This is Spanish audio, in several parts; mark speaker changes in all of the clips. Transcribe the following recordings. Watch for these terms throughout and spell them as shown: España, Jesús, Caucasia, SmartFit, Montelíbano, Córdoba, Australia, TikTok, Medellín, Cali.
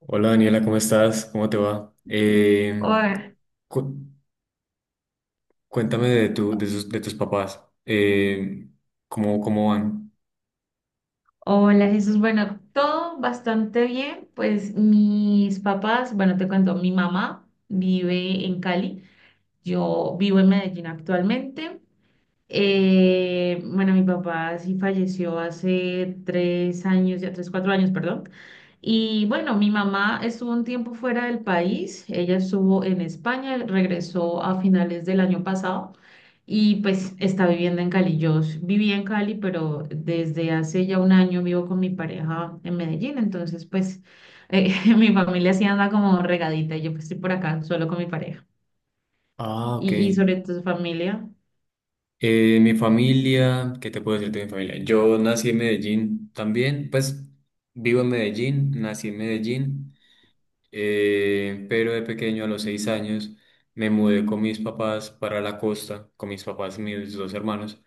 Speaker 1: Hola Daniela, ¿cómo estás? ¿Cómo te va?
Speaker 2: Hola,
Speaker 1: Cu- Cuéntame de, tu, de, sus- de tus papás. Cómo van?
Speaker 2: hola, Jesús. Bueno, todo bastante bien. Pues mis papás, bueno, te cuento, mi mamá vive en Cali, yo vivo en Medellín actualmente. Bueno, mi papá sí falleció hace 3 años, ya 3, 4 años, perdón. Y bueno, mi mamá estuvo un tiempo fuera del país, ella estuvo en España, regresó a finales del año pasado y pues está viviendo en Cali. Yo vivía en Cali, pero desde hace ya un año vivo con mi pareja en Medellín, entonces pues eh, mi familia sí anda como regadita y yo pues estoy por acá solo con mi pareja.
Speaker 1: Ah, ok.
Speaker 2: ¿Y sobre tu familia?
Speaker 1: Mi familia, ¿qué te puedo decir de mi familia? Yo nací en Medellín también, pues vivo en Medellín, nací en Medellín, pero de pequeño a los 6 años me mudé con mis papás para la costa, con mis papás y mis dos hermanos.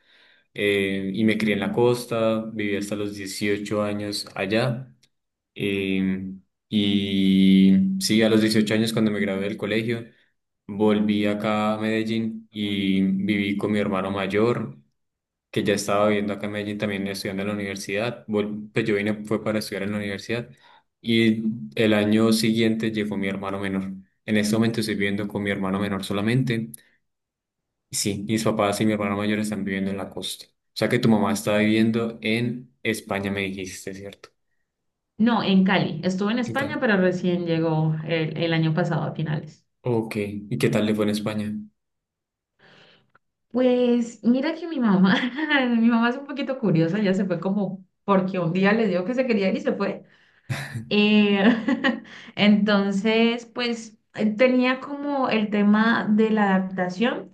Speaker 1: Y me crié en la costa, viví hasta los 18 años allá. eh, y sí, a los 18 años cuando me gradué del colegio, volví acá a Medellín y viví con mi hermano mayor, que ya estaba viviendo acá en Medellín también estudiando en la universidad. Pues yo vine fue para estudiar en la universidad y el año siguiente llegó mi hermano menor. En este momento estoy viviendo con mi hermano menor solamente. Sí, mis papás y mi hermano mayor están viviendo en la costa. O sea que tu mamá está viviendo en España, me dijiste, ¿cierto?
Speaker 2: No, en Cali. Estuvo en
Speaker 1: En
Speaker 2: España,
Speaker 1: Cali.
Speaker 2: pero recién llegó el año pasado a finales.
Speaker 1: Ok, ¿y qué tal le fue en España?
Speaker 2: Pues mira que mi mamá, mi mamá es un poquito curiosa, ya se fue como porque un día le dijo que se quería ir y se fue. Eh, entonces, pues tenía como el tema de la adaptación.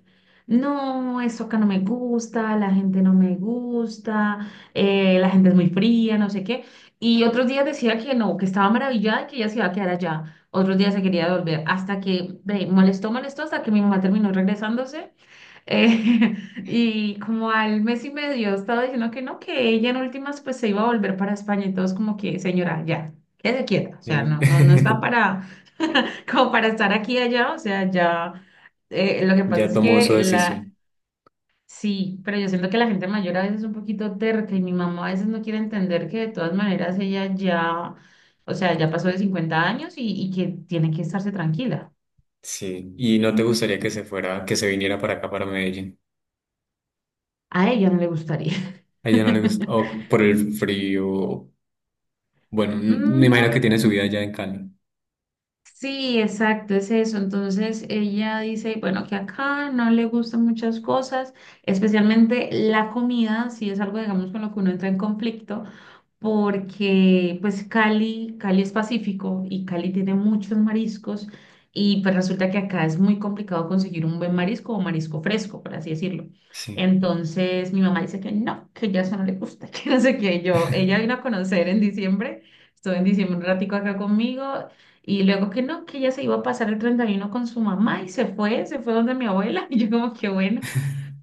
Speaker 2: No, eso acá no me gusta, la gente no me gusta, la gente es muy fría, no sé qué. Y otros días decía que no, que estaba maravillada y que ella se iba a quedar allá. Otros días se quería volver, hasta que ve, molestó, molestó, hasta que mi mamá terminó regresándose. Eh, y como al mes y medio estaba diciendo que no, que ella en últimas pues se iba a volver para España y todos como que, señora, ya, quédese quieta, o sea,
Speaker 1: Eh,
Speaker 2: no, no, no está para, como para estar aquí y allá, o sea, ya, lo que pasa
Speaker 1: Ya
Speaker 2: es
Speaker 1: tomó su
Speaker 2: que la,
Speaker 1: decisión.
Speaker 2: sí, pero yo siento que la gente mayor a veces es un poquito terca y mi mamá a veces no quiere entender que de todas maneras ella ya, o sea, ya pasó de 50 años y que tiene que estarse tranquila.
Speaker 1: Sí, ¿y no te gustaría que se fuera, que se viniera para acá, para Medellín?
Speaker 2: A ella no le gustaría.
Speaker 1: A ella no le gusta, o por el frío. Bueno, me
Speaker 2: Mm,
Speaker 1: imagino
Speaker 2: no,
Speaker 1: que tiene su vida allá en Cali.
Speaker 2: sí, exacto, es eso. Entonces ella dice, bueno, que acá no le gustan muchas cosas, especialmente la comida, si es algo, digamos, con lo que uno entra en conflicto porque pues Cali, Cali es Pacífico y Cali tiene muchos mariscos y pues resulta que acá es muy complicado conseguir un buen marisco o marisco fresco, por así decirlo.
Speaker 1: Sí.
Speaker 2: Entonces mi mamá dice que no, que ya eso no le gusta, que no sé qué. Yo, ella vino a conocer en diciembre, estuvo en diciembre un ratico acá conmigo y luego que no, que ella se iba a pasar el 31 con su mamá y se fue donde mi abuela y yo como que bueno.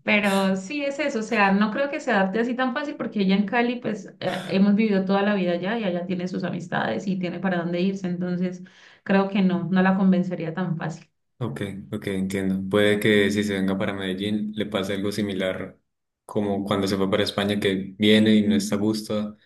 Speaker 2: Pero sí es eso, o sea, no creo que se adapte así tan fácil porque ella en Cali, pues hemos vivido toda la vida allá y allá tiene sus amistades y tiene para dónde irse, entonces creo que no, no la convencería tan fácil.
Speaker 1: Ok, ok, entiendo. Puede que si se venga para Medellín le pase algo similar como cuando se fue para España, que viene y no está a gusto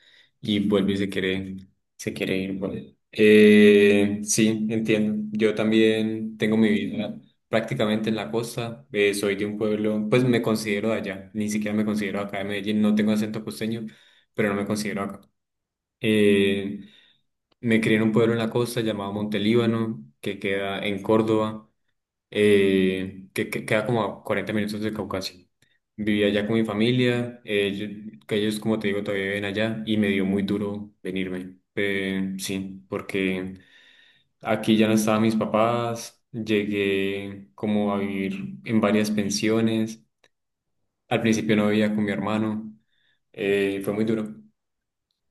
Speaker 1: y vuelve y se quiere ir. Bueno, sí, entiendo. Yo también tengo mi vida prácticamente en la costa. Soy de un pueblo, pues me considero de allá. Ni siquiera me considero acá de Medellín. No tengo acento costeño, pero no me considero acá. Eh, Me crié en un pueblo en la costa llamado Montelíbano, que queda en Córdoba, que queda como a 40 minutos de Caucasia. Vivía allá con mi familia, que ellos, como te digo, todavía viven allá y me dio muy duro venirme. Sí, porque aquí ya no estaban mis papás, llegué como a vivir en varias pensiones, al principio no vivía con mi hermano, fue muy duro.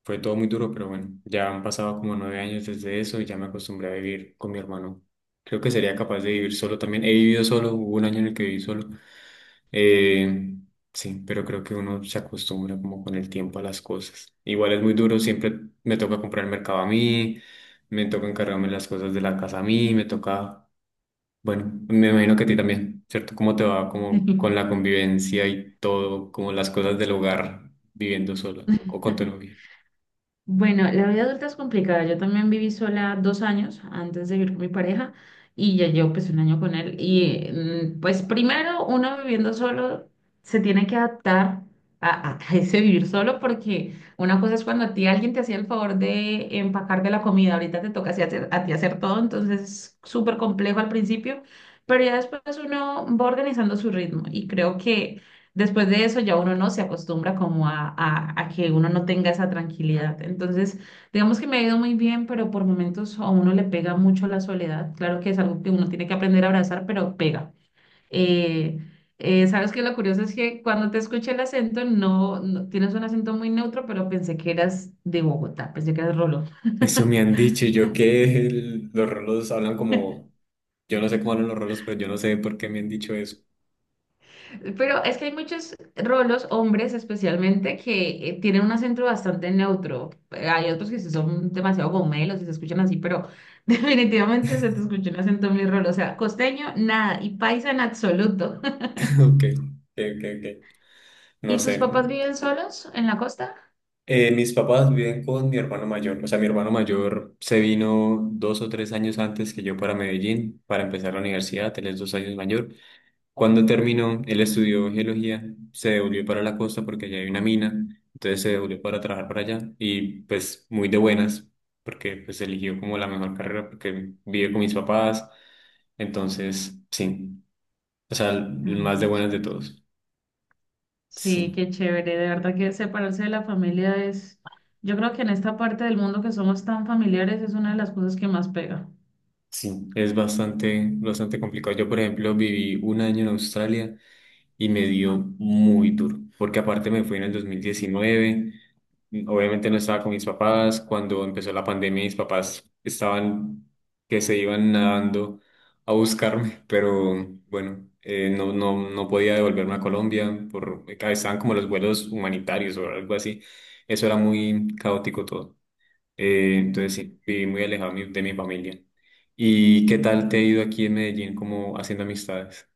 Speaker 1: Fue todo muy duro, pero bueno, ya han pasado como 9 años desde eso y ya me acostumbré a vivir con mi hermano. Creo que sería capaz de vivir solo también. He vivido solo, hubo un año en el que viví solo, eh, sí, pero creo que uno se acostumbra como con el tiempo a las cosas. Igual es muy duro, siempre me toca comprar el mercado a mí, me toca encargarme las cosas de la casa a mí, me toca, bueno, me imagino que a ti también, ¿cierto? ¿Cómo te va como con la convivencia y todo, como las cosas del hogar viviendo sola o con tu novia?
Speaker 2: Bueno, la vida adulta es complicada. Yo también viví sola 2 años antes de vivir con mi pareja y ya llevo pues un año con él. Y pues primero uno viviendo solo se tiene que adaptar a, a ese vivir solo porque una cosa es cuando a ti alguien te hacía el favor de empacar de la comida, ahorita te toca así a ti hacer todo, entonces es súper complejo al principio, pero ya después uno va organizando su ritmo y creo que... Después de eso ya uno no se acostumbra como a que uno no tenga esa tranquilidad. Entonces, digamos que me ha ido muy bien, pero por momentos a uno le pega mucho la soledad. Claro que es algo que uno tiene que aprender a abrazar, pero pega. Eh, sabes que lo curioso es que cuando te escuché el acento, tienes un acento muy neutro, pero pensé que eras de Bogotá, pensé que eras Rolo.
Speaker 1: Eso me han dicho y yo que los rolos hablan como, yo no sé cómo hablan los rolos, pero yo no sé por qué me han dicho eso.
Speaker 2: Pero es que hay muchos rolos, hombres especialmente, que tienen un acento bastante neutro. Hay otros que sí son demasiado gomelos y se escuchan así, pero definitivamente se te escucha un acento muy rolo. O sea, costeño, nada, y paisa en absoluto.
Speaker 1: Ok, ok, ok, ok. No
Speaker 2: ¿Y
Speaker 1: sé.
Speaker 2: tus papás viven solos en la costa?
Speaker 1: Mis papás viven con mi hermano mayor. O sea, mi hermano mayor se vino dos o tres años antes que yo para Medellín para empezar la universidad. Él es dos años mayor. Cuando terminó, él estudió geología, se devolvió para la costa porque allá hay una mina. Entonces se devolvió para trabajar para allá y pues muy de buenas porque pues eligió como la mejor carrera porque vive con mis papás. Entonces, sí. O sea, el
Speaker 2: Ay,
Speaker 1: más
Speaker 2: qué
Speaker 1: de buenas de
Speaker 2: chévere.
Speaker 1: todos.
Speaker 2: Sí,
Speaker 1: Sí.
Speaker 2: qué chévere. De verdad que separarse de la familia es, yo creo que en esta parte del mundo que somos tan familiares es una de las cosas que más pega.
Speaker 1: Sí, es bastante, bastante complicado. Yo, por ejemplo, viví un año en Australia y me dio muy duro, porque aparte me fui en el 2019, obviamente no estaba con mis papás, cuando empezó la pandemia mis papás estaban que se iban nadando a buscarme, pero bueno, no podía devolverme a Colombia, por, estaban como los vuelos humanitarios o algo así, eso era muy caótico todo. Entonces sí, viví muy alejado de de mi familia. ¿Y qué tal te ha ido aquí en Medellín como haciendo amistades?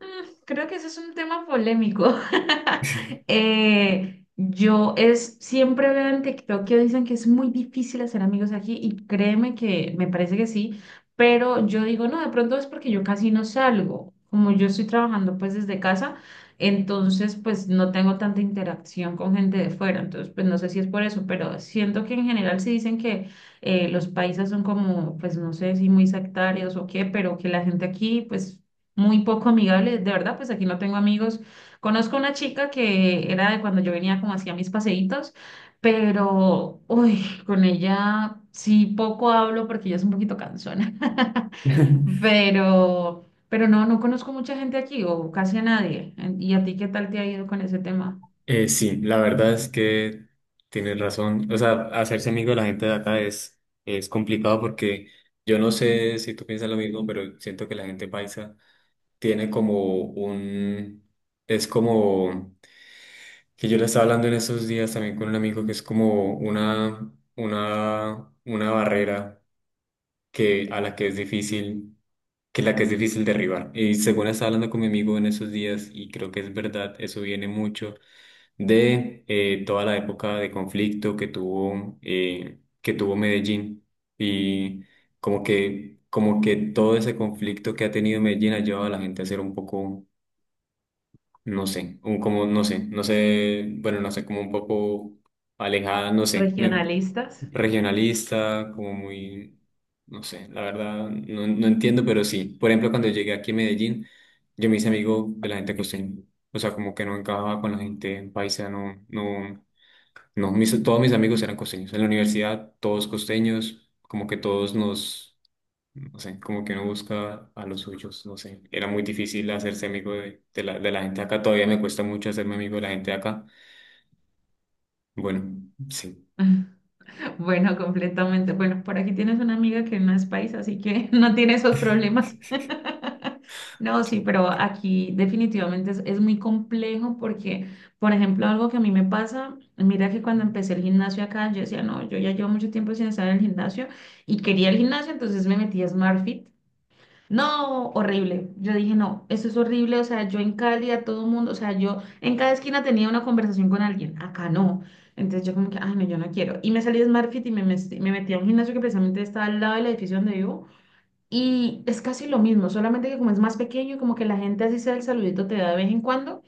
Speaker 2: Mm, Creo que ese es un tema polémico. Yo es, siempre veo en TikTok que dicen que es muy difícil hacer amigos aquí y créeme que me parece que sí, pero yo digo, no, de pronto es porque yo casi no salgo. Como yo estoy trabajando pues desde casa, entonces pues no tengo tanta interacción con gente de fuera, entonces pues no sé si es por eso, pero siento que en general sí dicen que los países son como, pues no sé si muy sectarios o qué, pero que la gente aquí pues muy poco amigable, de verdad, pues aquí no tengo amigos. Conozco una chica que era de cuando yo venía como hacía mis paseitos, pero, uy, con ella sí poco hablo porque ella es un poquito cansona. Sí. Pero no, no conozco mucha gente aquí o casi a nadie. ¿Y a ti qué tal te ha ido con ese tema?
Speaker 1: Sí, la verdad es que tienes razón. O sea, hacerse amigo de la gente de acá es complicado porque yo no sé si tú piensas lo mismo, pero siento que la gente paisa tiene como un... Es como... Que yo le estaba hablando en estos días también con un amigo que es como una barrera que, a la que es difícil que la que es difícil derribar. Y según estaba hablando con mi amigo en esos días, y creo que es verdad, eso viene mucho de toda la época de conflicto que tuvo Medellín. Y como que todo ese conflicto que ha tenido Medellín ha llevado a la gente a ser un poco no sé, como, no sé, no sé, bueno, no sé, como un poco alejada, no sé,
Speaker 2: Regionalistas.
Speaker 1: regionalista, como muy, no sé, la verdad, no, no entiendo, pero sí. Por ejemplo, cuando llegué aquí a Medellín, yo me hice amigo de la gente costeña, o sea, como que no encajaba con la gente paisa, no, no, no, todos mis amigos eran costeños, en la universidad todos costeños, como que todos nos no sé, como que uno busca a los suyos, no sé. Era muy difícil hacerse amigo de, de la gente acá, todavía me cuesta mucho hacerme amigo de la gente acá. Bueno, sí,
Speaker 2: Bueno, completamente. Bueno, por aquí tienes una amiga que no es paisa, así que no tiene esos problemas. No, sí,
Speaker 1: sí,
Speaker 2: pero aquí definitivamente es muy complejo porque, por ejemplo, algo que a mí me pasa, mira que cuando empecé el gimnasio acá, yo decía, no, yo ya llevo mucho tiempo sin estar en el gimnasio y quería el gimnasio, entonces me metí a SmartFit no, horrible. Yo dije, no, eso es horrible. O sea, yo en Cali a todo mundo, o sea, yo en cada esquina tenía una conversación con alguien, acá no. Entonces yo como que, ay, no, yo no quiero. Y me salí de SmartFit y me metí a un gimnasio que precisamente está al lado del edificio donde vivo. Y es casi lo mismo, solamente que como es más pequeño y como que la gente así sea el saludito te da de vez en cuando,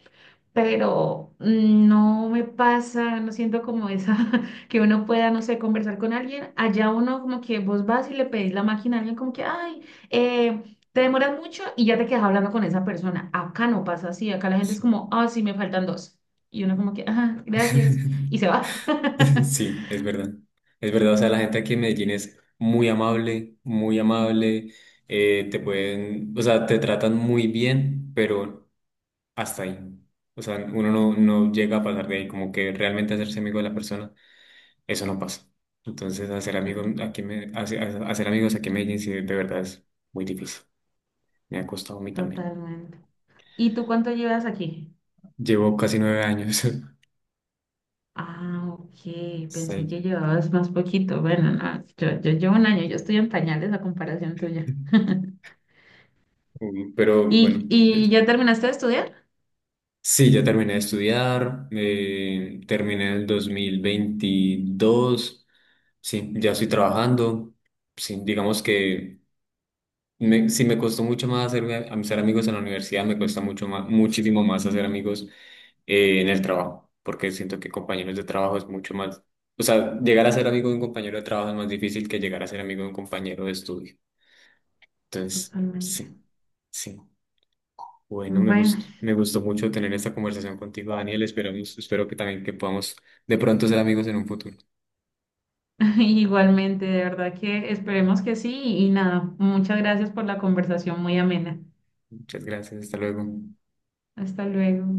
Speaker 2: pero no me pasa, no siento como esa, que uno pueda, no sé, conversar con alguien. Allá uno como que vos vas y le pedís la máquina a alguien como que, ay, te demoras mucho y ya te quedas hablando con esa persona. Acá no pasa así, acá la gente es
Speaker 1: sí.
Speaker 2: como, ah, sí, me faltan dos. Y uno como que, ah, gracias, y se va.
Speaker 1: Sí, es verdad. Es verdad, o sea, la gente aquí en Medellín es muy amable, te pueden, o sea, te tratan muy bien, pero hasta ahí. O sea, uno no, no llega a pasar de ahí, como que realmente hacerse amigo de la persona. Eso no pasa. Entonces, hacer
Speaker 2: Uf,
Speaker 1: amigos aquí hacer amigos aquí en Medellín sí, de verdad es muy difícil. Me ha costado a mí también.
Speaker 2: totalmente. ¿Y tú cuánto llevas aquí?
Speaker 1: Llevo casi 9 años.
Speaker 2: Ah, ok, pensé que
Speaker 1: Sí.
Speaker 2: llevabas más poquito. Bueno, no, yo llevo un año, yo estoy en pañales a comparación tuya.
Speaker 1: Pero bueno,
Speaker 2: ¿Y, y ya terminaste de estudiar?
Speaker 1: sí, ya terminé de estudiar, terminé el 2022. Sí, ya estoy trabajando, sí, digamos que me costó mucho más hacerme, ser amigos en la universidad, me cuesta mucho más, muchísimo más hacer amigos en el trabajo, porque siento que compañeros de trabajo es mucho más, o sea, llegar a ser amigo de un compañero de trabajo es más difícil que llegar a ser amigo de un compañero de estudio. Entonces,
Speaker 2: Totalmente.
Speaker 1: sí, sí. Bueno,
Speaker 2: Bueno,
Speaker 1: me gustó mucho tener esta conversación contigo, Daniel. Esperamos, espero que también que podamos de pronto ser amigos en un futuro.
Speaker 2: igualmente, de verdad que esperemos que sí y nada, muchas gracias por la conversación muy amena.
Speaker 1: Muchas gracias, hasta luego.
Speaker 2: Hasta luego.